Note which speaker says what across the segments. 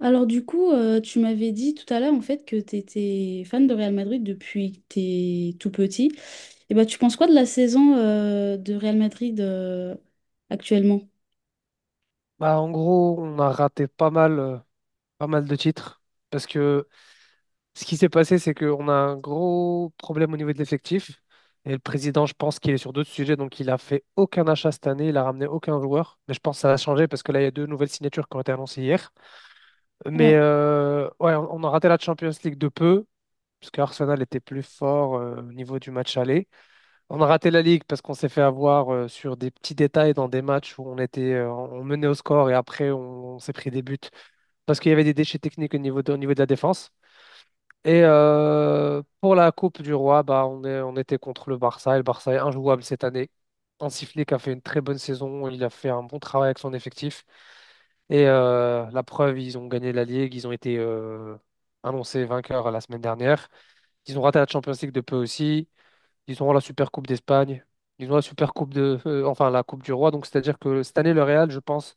Speaker 1: Alors du coup, tu m'avais dit tout à l'heure en fait que tu étais fan de Real Madrid depuis que t'es tout petit. Et bah tu penses quoi de la saison de Real Madrid actuellement?
Speaker 2: Bah, en gros, on a raté pas mal, pas mal de titres parce que ce qui s'est passé, c'est qu'on a un gros problème au niveau de l'effectif. Et le président, je pense qu'il est sur d'autres sujets, donc il a fait aucun achat cette année, il a ramené aucun joueur. Mais je pense que ça a changé parce que là, il y a deux nouvelles signatures qui ont été annoncées hier. Mais ouais, on a raté la Champions League de peu, parce qu'Arsenal était plus fort au niveau du match aller. On a raté la Ligue parce qu'on s'est fait avoir sur des petits détails dans des matchs où on était, on menait au score et après on s'est pris des buts parce qu'il y avait des déchets techniques au niveau de la défense. Et pour la Coupe du Roi, bah, on était contre le Barça. Et le Barça est injouable cette année. Hansi Flick a fait une très bonne saison. Il a fait un bon travail avec son effectif. Et la preuve, ils ont gagné la Ligue. Ils ont été annoncés vainqueurs la semaine dernière. Ils ont raté la Champions League de peu aussi. Ils ont la Super Coupe d'Espagne. Ils ont la Super Coupe enfin la Coupe du Roi. Donc c'est-à-dire que cette année, le Real, je pense,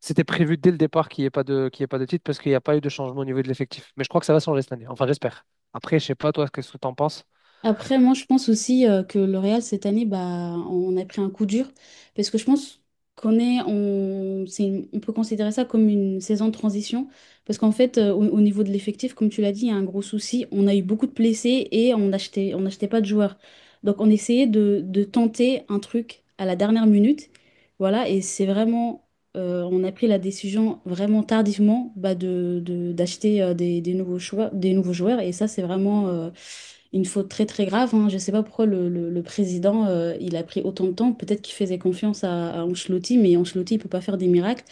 Speaker 2: c'était prévu dès le départ qu'il y ait pas de titre parce qu'il n'y a pas eu de changement au niveau de l'effectif. Mais je crois que ça va changer cette année. Enfin, j'espère. Après, je sais pas toi, qu'est-ce que tu en penses?
Speaker 1: Après, moi, je pense aussi que le Real, cette année, bah, on a pris un coup dur. Parce que je pense on peut considérer ça comme une saison de transition. Parce qu'en fait, au niveau de l'effectif, comme tu l'as dit, il y a un gros souci. On a eu beaucoup de blessés et on n'achetait pas de joueurs. Donc, on essayait de tenter un truc à la dernière minute. Voilà, et c'est vraiment, on a pris la décision vraiment tardivement bah, d'acheter des nouveaux choix, des nouveaux joueurs. Et ça, c'est vraiment, une faute très très grave, hein. Je ne sais pas pourquoi le président il a pris autant de temps. Peut-être qu'il faisait confiance à Ancelotti, mais Ancelotti il peut pas faire des miracles.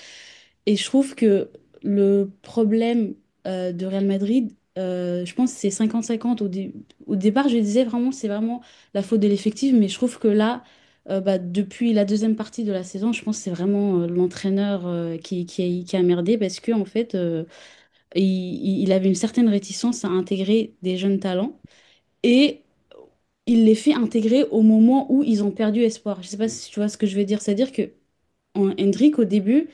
Speaker 1: Et je trouve que le problème de Real Madrid, je pense que c'est 50-50. Au départ, je disais vraiment c'est vraiment la faute de l'effectif, mais je trouve que là, bah, depuis la deuxième partie de la saison, je pense que c'est vraiment l'entraîneur qui a merdé parce que en fait, il avait une certaine réticence à intégrer des jeunes talents et il les fait intégrer au moment où ils ont perdu espoir. Je sais pas si tu vois ce que je veux dire. C'est-à-dire que Hendrik, au début,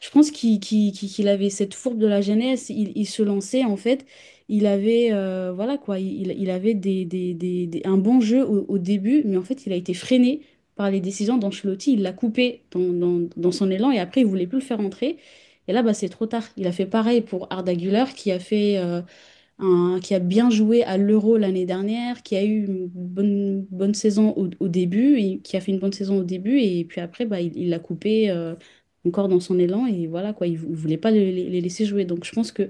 Speaker 1: je pense qu'il avait cette fourbe de la jeunesse. Il se lançait, en fait. Il avait, voilà quoi, il avait un bon jeu au début, mais en fait, il a été freiné par les décisions d'Ancelotti. Il l'a coupé dans son élan et après, il voulait plus le faire entrer. Et là, bah, c'est trop tard. Il a fait pareil pour Arda Güler qui a bien joué à l'Euro l'année dernière, qui a eu une bonne saison au début, et qui a fait une bonne saison au début, et puis après, bah, il l'a coupé encore dans son élan, et voilà, quoi, il ne voulait pas les laisser jouer. Donc je pense que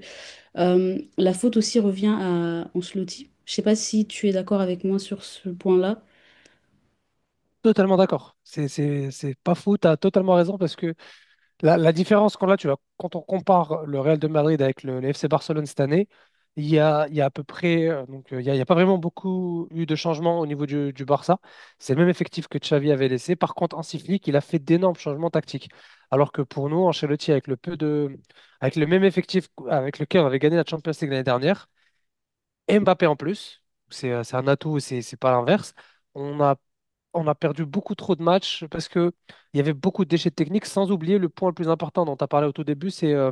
Speaker 1: la faute aussi revient à Ancelotti. Je sais pas si tu es d'accord avec moi sur ce point-là.
Speaker 2: Totalement d'accord. C'est pas fou. T'as totalement raison parce que la différence qu'on a, tu vois, quand on compare le Real de Madrid avec le FC Barcelone cette année, il y a à peu près, il y a pas vraiment beaucoup eu de changements du Barça. C'est le même effectif que Xavi avait laissé. Par contre, Hansi Flick, il a fait d'énormes changements tactiques. Alors que pour nous, Ancelotti, avec le même effectif avec lequel on avait gagné la Champions League l'année dernière, et Mbappé en plus, c'est un atout, c'est pas l'inverse. On a on a perdu beaucoup trop de matchs parce que il y avait beaucoup de déchets techniques, sans oublier le point le plus important dont tu as parlé au tout début,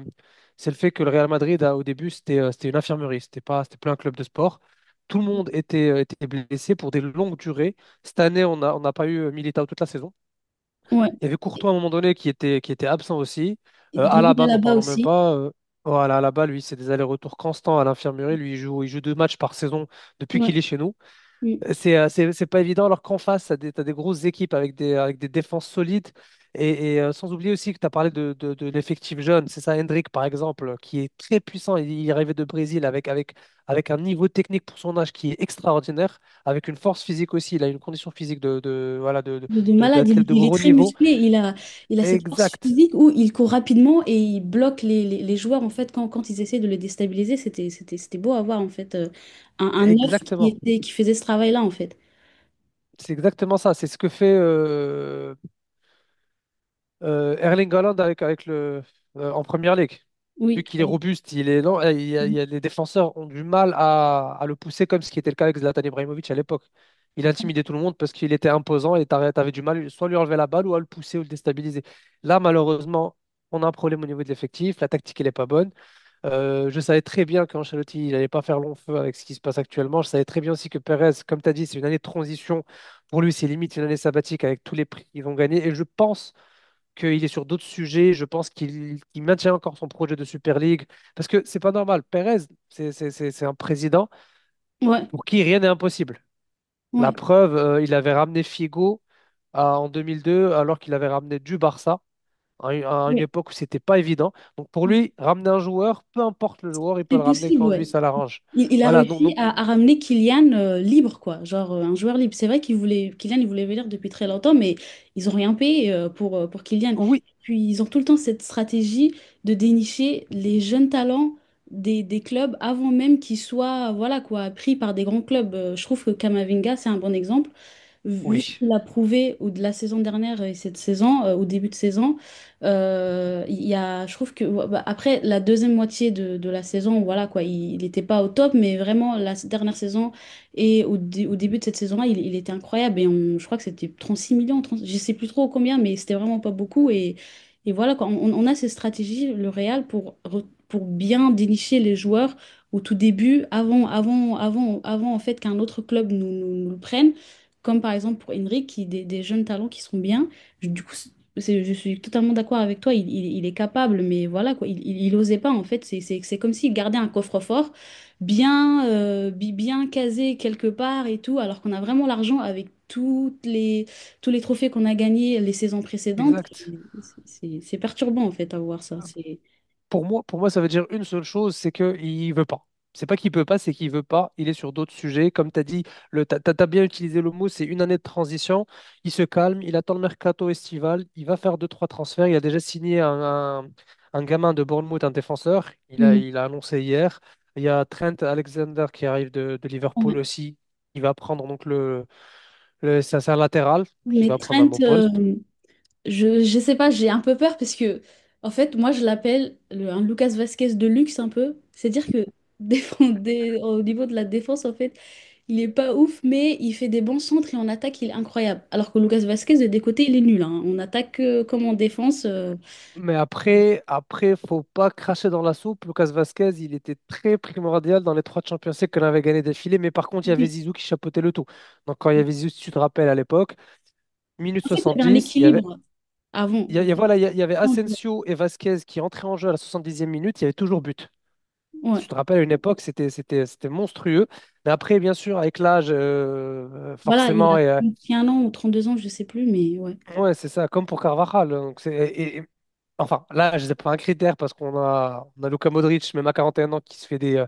Speaker 2: c'est le fait que le Real Madrid, au début, c'était une infirmerie, c'était pas, c'était plus un club de sport. Tout le monde était, était blessé pour des longues durées. Cette année, on n'a pas eu Militao toute la saison.
Speaker 1: Ouais.
Speaker 2: Il y avait Courtois à un moment donné qui était absent aussi.
Speaker 1: Et David
Speaker 2: Alaba, n'en
Speaker 1: Alaba
Speaker 2: parlons même
Speaker 1: aussi.
Speaker 2: pas. Voilà, Alaba, lui, c'est des allers-retours constants à l'infirmerie. Lui, il joue deux matchs par saison depuis qu'il est chez nous.
Speaker 1: Ouais.
Speaker 2: C'est pas évident alors qu'en face, t'as des grosses équipes avec des défenses solides. Sans oublier aussi que tu as parlé de l'effectif jeune. C'est ça, Hendrick, par exemple, qui est très puissant. Il est arrivé de Brésil avec un niveau technique pour son âge qui est extraordinaire, avec une force physique aussi. Il a une condition physique de, voilà,
Speaker 1: Mais de
Speaker 2: de-
Speaker 1: malade, il,
Speaker 2: d'athlète de
Speaker 1: il est
Speaker 2: gros
Speaker 1: très
Speaker 2: niveau.
Speaker 1: musclé, il a cette force
Speaker 2: Exact.
Speaker 1: physique où il court rapidement et il bloque les joueurs en fait quand ils essaient de le déstabiliser. C'était beau à voir en fait un neuf qui
Speaker 2: Exactement.
Speaker 1: était, qui faisait ce travail-là en fait.
Speaker 2: C'est exactement ça. C'est ce que fait Erling Haaland avec le, en Première Ligue. Vu
Speaker 1: Oui,
Speaker 2: qu'il est
Speaker 1: oui.
Speaker 2: robuste, il est lent, les défenseurs ont du mal à le pousser comme ce qui était le cas avec Zlatan Ibrahimovic à l'époque. Il intimidait tout le monde parce qu'il était imposant et t'avais du mal soit à lui enlever la balle ou à le pousser ou le déstabiliser. Là, malheureusement, on a un problème au niveau de l'effectif. La tactique, elle n'est pas bonne. Je savais très bien qu'Ancelotti, il n'allait pas faire long feu avec ce qui se passe actuellement. Je savais très bien aussi que Perez, comme tu as dit, c'est une année de transition. Pour lui, c'est limite une année sabbatique avec tous les prix qu'ils ont gagnés. Et je pense qu'il est sur d'autres sujets. Je pense qu'il maintient encore son projet de Super League. Parce que c'est pas normal. Pérez, c'est un président
Speaker 1: Ouais,
Speaker 2: pour qui rien n'est impossible. La
Speaker 1: ouais,
Speaker 2: preuve, il avait ramené Figo en 2002, alors qu'il avait ramené du Barça à une
Speaker 1: ouais.
Speaker 2: époque où c'était pas évident. Donc pour lui, ramener un joueur, peu importe le joueur, il peut
Speaker 1: C'est
Speaker 2: le ramener
Speaker 1: possible,
Speaker 2: quand lui
Speaker 1: ouais.
Speaker 2: ça l'arrange.
Speaker 1: Il a
Speaker 2: Voilà,
Speaker 1: réussi
Speaker 2: donc
Speaker 1: à ramener Kylian libre, quoi. Genre un joueur libre. C'est vrai qu'il voulait, Kylian, il voulait venir depuis très longtemps, mais ils ont rien payé pour Kylian.
Speaker 2: oui,
Speaker 1: Puis ils ont tout le temps cette stratégie de dénicher les jeunes talents des clubs avant même qu'ils soient, voilà quoi, pris par des grands clubs. Je trouve que Kamavinga, c'est un bon exemple. Vu ce
Speaker 2: oui,
Speaker 1: qu'il a prouvé de la saison dernière et cette saison, au début de saison, je trouve que ouais, bah, après la deuxième moitié de la saison, voilà quoi, il n'était pas au top, mais vraiment la dernière saison et au début de cette saison-là, il était incroyable. Et je crois que c'était 36 millions, 30 je sais plus trop combien, mais c'était vraiment pas beaucoup. Et voilà quoi, on a ces stratégies, le Real, pour bien dénicher les joueurs au tout début, avant en fait qu'un autre club nous le prenne. Comme par exemple pour Henry, qui des jeunes talents qui sont bien. Du coup, je suis totalement d'accord avec toi, il est capable, mais voilà quoi, il osait pas en fait. C'est comme s'il gardait un coffre-fort bien casé quelque part et tout, alors qu'on a vraiment l'argent avec tous les trophées qu'on a gagnés les saisons précédentes.
Speaker 2: exact.
Speaker 1: Et c'est perturbant en fait à voir ça. C'est.
Speaker 2: Pour moi, ça veut dire une seule chose, c'est qu'il ne veut pas. C'est pas qu'il peut pas, c'est qu'il veut pas. Il est sur d'autres sujets. Comme tu as dit, t'as bien utilisé le mot, c'est une année de transition. Il se calme, il attend le mercato estival, il va faire deux, trois transferts. Il a déjà signé un gamin de Bournemouth, un défenseur.
Speaker 1: Mhm.
Speaker 2: Il a annoncé hier. Il y a Trent Alexander qui arrive de
Speaker 1: Ouais.
Speaker 2: Liverpool aussi. Il va prendre donc c'est un latéral, qui
Speaker 1: Mais
Speaker 2: va prendre un
Speaker 1: Trent,
Speaker 2: bon poste.
Speaker 1: je sais pas, j'ai un peu peur parce que, en fait, moi, je l'appelle un Lucas Vasquez de luxe un peu. C'est-à-dire que au niveau de la défense, en fait, il est pas ouf, mais il fait des bons centres et en attaque, il est incroyable. Alors que Lucas Vasquez, de des côtés, il est nul, hein. On attaque comme en défense.
Speaker 2: Mais après, faut pas cracher dans la soupe. Lucas Vasquez, il était très primordial dans les trois Champions League qu'on avait gagné d'affilée. Mais par contre, il y avait
Speaker 1: Oui.
Speaker 2: Zizou qui chapeautait le tout. Donc, quand il y avait Zizou, si tu te rappelles à l'époque, minute
Speaker 1: En fait, il y avait un
Speaker 2: 70, il y avait,
Speaker 1: équilibre avant.
Speaker 2: il y a- voilà, il y a- il y avait Asensio et Vasquez qui entraient en jeu à la 70e minute. Il y avait toujours but. Si
Speaker 1: Ouais.
Speaker 2: tu te rappelles, à une époque, c'était monstrueux. Mais après, bien sûr, avec l'âge,
Speaker 1: Voilà, il
Speaker 2: forcément,
Speaker 1: a 31 ans ou 32 ans, je sais plus, mais ouais.
Speaker 2: ouais, c'est ça, comme pour Carvajal. Hein. Enfin, là, je sais pas un critère parce on a Luka Modric, même à 41 ans, qui se fait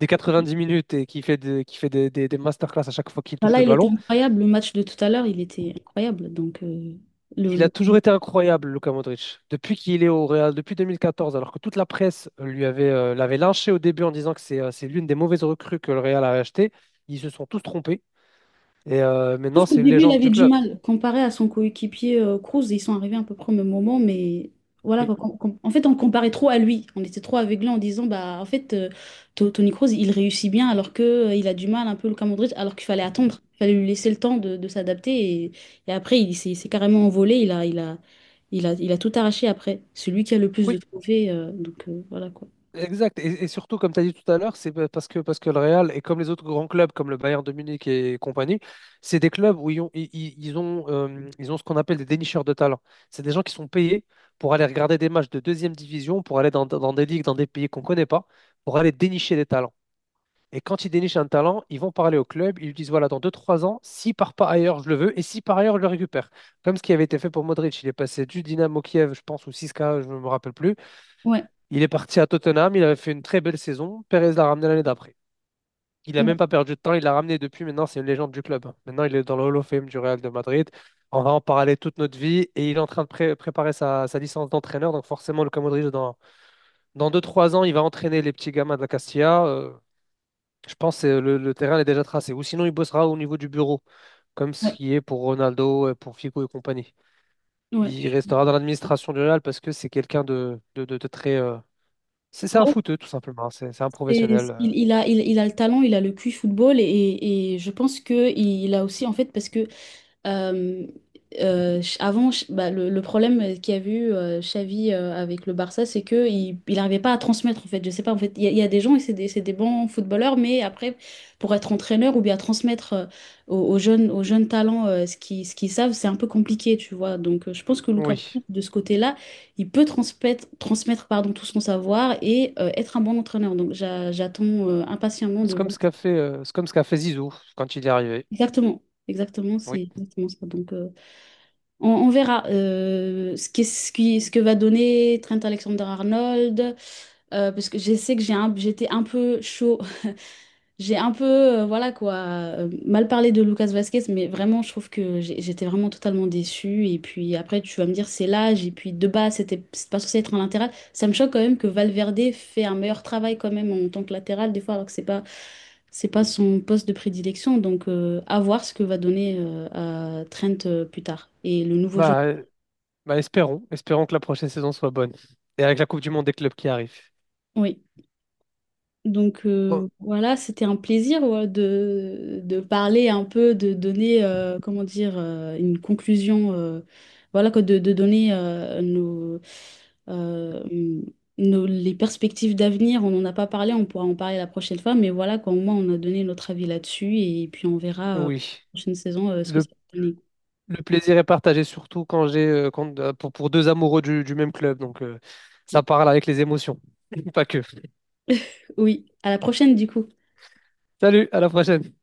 Speaker 2: des dix minutes et qui fait des masterclass à chaque fois qu'il touche
Speaker 1: Voilà,
Speaker 2: le
Speaker 1: il était
Speaker 2: ballon.
Speaker 1: incroyable. Le match de tout à l'heure, il était incroyable. Donc, le,
Speaker 2: Il a
Speaker 1: le-
Speaker 2: toujours été incroyable, Luka Modric, depuis qu'il est au Real, depuis 2014. Alors que toute la presse lui avait, l'avait lynché au début en disant que c'est l'une des mauvaises recrues que le Real a achetées. Ils se sont tous trompés et
Speaker 1: trouve
Speaker 2: maintenant,
Speaker 1: qu'au
Speaker 2: c'est une
Speaker 1: début, il
Speaker 2: légende
Speaker 1: avait
Speaker 2: du
Speaker 1: du
Speaker 2: club.
Speaker 1: mal comparé à son coéquipier Cruz. Ils sont arrivés à peu près au même moment, mais voilà, quoi, en fait, on comparait trop à lui. On était trop aveuglés en disant, bah, en fait, Tony Cruz, il réussit bien alors que il a du mal un peu le cas Modric, alors qu'il fallait attendre. Il fallait lui laisser le temps de s'adapter. Et après, il s'est carrément envolé. Il a tout arraché après. C'est lui qui a le plus de
Speaker 2: Oui.
Speaker 1: trophées, donc voilà quoi.
Speaker 2: Exact. Et surtout, comme tu as dit tout à l'heure, parce que le Real, et comme les autres grands clubs, comme le Bayern de Munich et compagnie, c'est des clubs où ils ont, ils- ils ont ce qu'on appelle des dénicheurs de talent. C'est des gens qui sont payés pour aller regarder des matchs de deuxième division, pour aller dans des ligues, dans des pays qu'on ne connaît pas, pour aller dénicher des talents. Et quand ils dénichent un talent, ils vont parler au club, ils lui disent, voilà, dans deux trois ans, s'il part pas ailleurs, je le veux, et si par ailleurs, je le récupère. Comme ce qui avait été fait pour Modric, il est passé du Dynamo Kiev, je pense, ou 6 je ne me rappelle plus,
Speaker 1: Ouais,
Speaker 2: il est parti à Tottenham, il avait fait une très belle saison. Perez l'a ramené l'année d'après. Il n'a même
Speaker 1: ouais,
Speaker 2: pas perdu de temps, il l'a ramené depuis. Maintenant, c'est une légende du club. Maintenant, il est dans le Hall of Fame du Real de Madrid. On va en parler toute notre vie. Et il est en train de préparer sa licence d'entraîneur. Donc, forcément, Luka Modric, dans deux trois ans, il va entraîner les petits gamins de la Castilla. Je pense que le terrain est déjà tracé. Ou sinon, il bossera au niveau du bureau, comme ce qui est pour Ronaldo, pour Figo et compagnie.
Speaker 1: ouais.
Speaker 2: Il restera dans l'administration du Real parce que c'est quelqu'un de très, c'est un
Speaker 1: Ouais.
Speaker 2: footeux, tout simplement. C'est un
Speaker 1: Et
Speaker 2: professionnel.
Speaker 1: il, il a, il, il a le talent, il a le QI football et je pense que il a aussi en fait parce que euh, bah, le problème qu'il y a eu Xavi avec le Barça, c'est que il n'arrivait pas à transmettre en fait. Je sais pas en fait, il y a des gens et c'est des bons footballeurs, mais après pour être entraîneur ou bien transmettre aux jeunes talents ce qu'ils savent, c'est un peu compliqué, tu vois. Donc je pense que Lucas
Speaker 2: Oui.
Speaker 1: Moura, de ce côté-là, il peut transmettre pardon tout son savoir et être un bon entraîneur. Donc j'attends impatiemment de
Speaker 2: C'est comme
Speaker 1: voir.
Speaker 2: ce qu'a fait, c'est comme ce qu'a fait Zizou quand il est arrivé.
Speaker 1: Exactement, exactement,
Speaker 2: Oui.
Speaker 1: c'est exactement ça. Donc on verra ce que va donner Trent Alexander-Arnold, parce que je sais que j'étais un peu chaud, j'ai un peu, voilà quoi, mal parlé de Lucas Vasquez, mais vraiment, je trouve que j'étais vraiment totalement déçue. Et puis après, tu vas me dire, c'est l'âge, et puis de base, c'est pas censé être un latéral. Ça me choque quand même que Valverde fait un meilleur travail quand même en tant que latéral, des fois, alors que c'est pas son poste de prédilection. Donc, à voir ce que va donner à Trent plus tard. Et le nouveau jeune.
Speaker 2: Bah, euh, Bah espérons. Espérons que la prochaine saison soit bonne. Et avec la Coupe du Monde des clubs qui arrive.
Speaker 1: Oui, donc
Speaker 2: Oh,
Speaker 1: voilà, c'était un plaisir ouais, de parler un peu, de donner, comment dire, une conclusion, voilà, quoi, de donner euh, les perspectives d'avenir. On n'en a pas parlé, on pourra en parler la prochaine fois, mais voilà, quoi, au moins on a donné notre avis là-dessus et puis on verra la
Speaker 2: oui.
Speaker 1: prochaine saison ce que
Speaker 2: Le,
Speaker 1: ça va donner.
Speaker 2: le plaisir est partagé, surtout quand j'ai pour deux amoureux du même club. Donc, ça parle avec les émotions. Pas que.
Speaker 1: Oui, à la prochaine du coup.
Speaker 2: Salut, à la prochaine.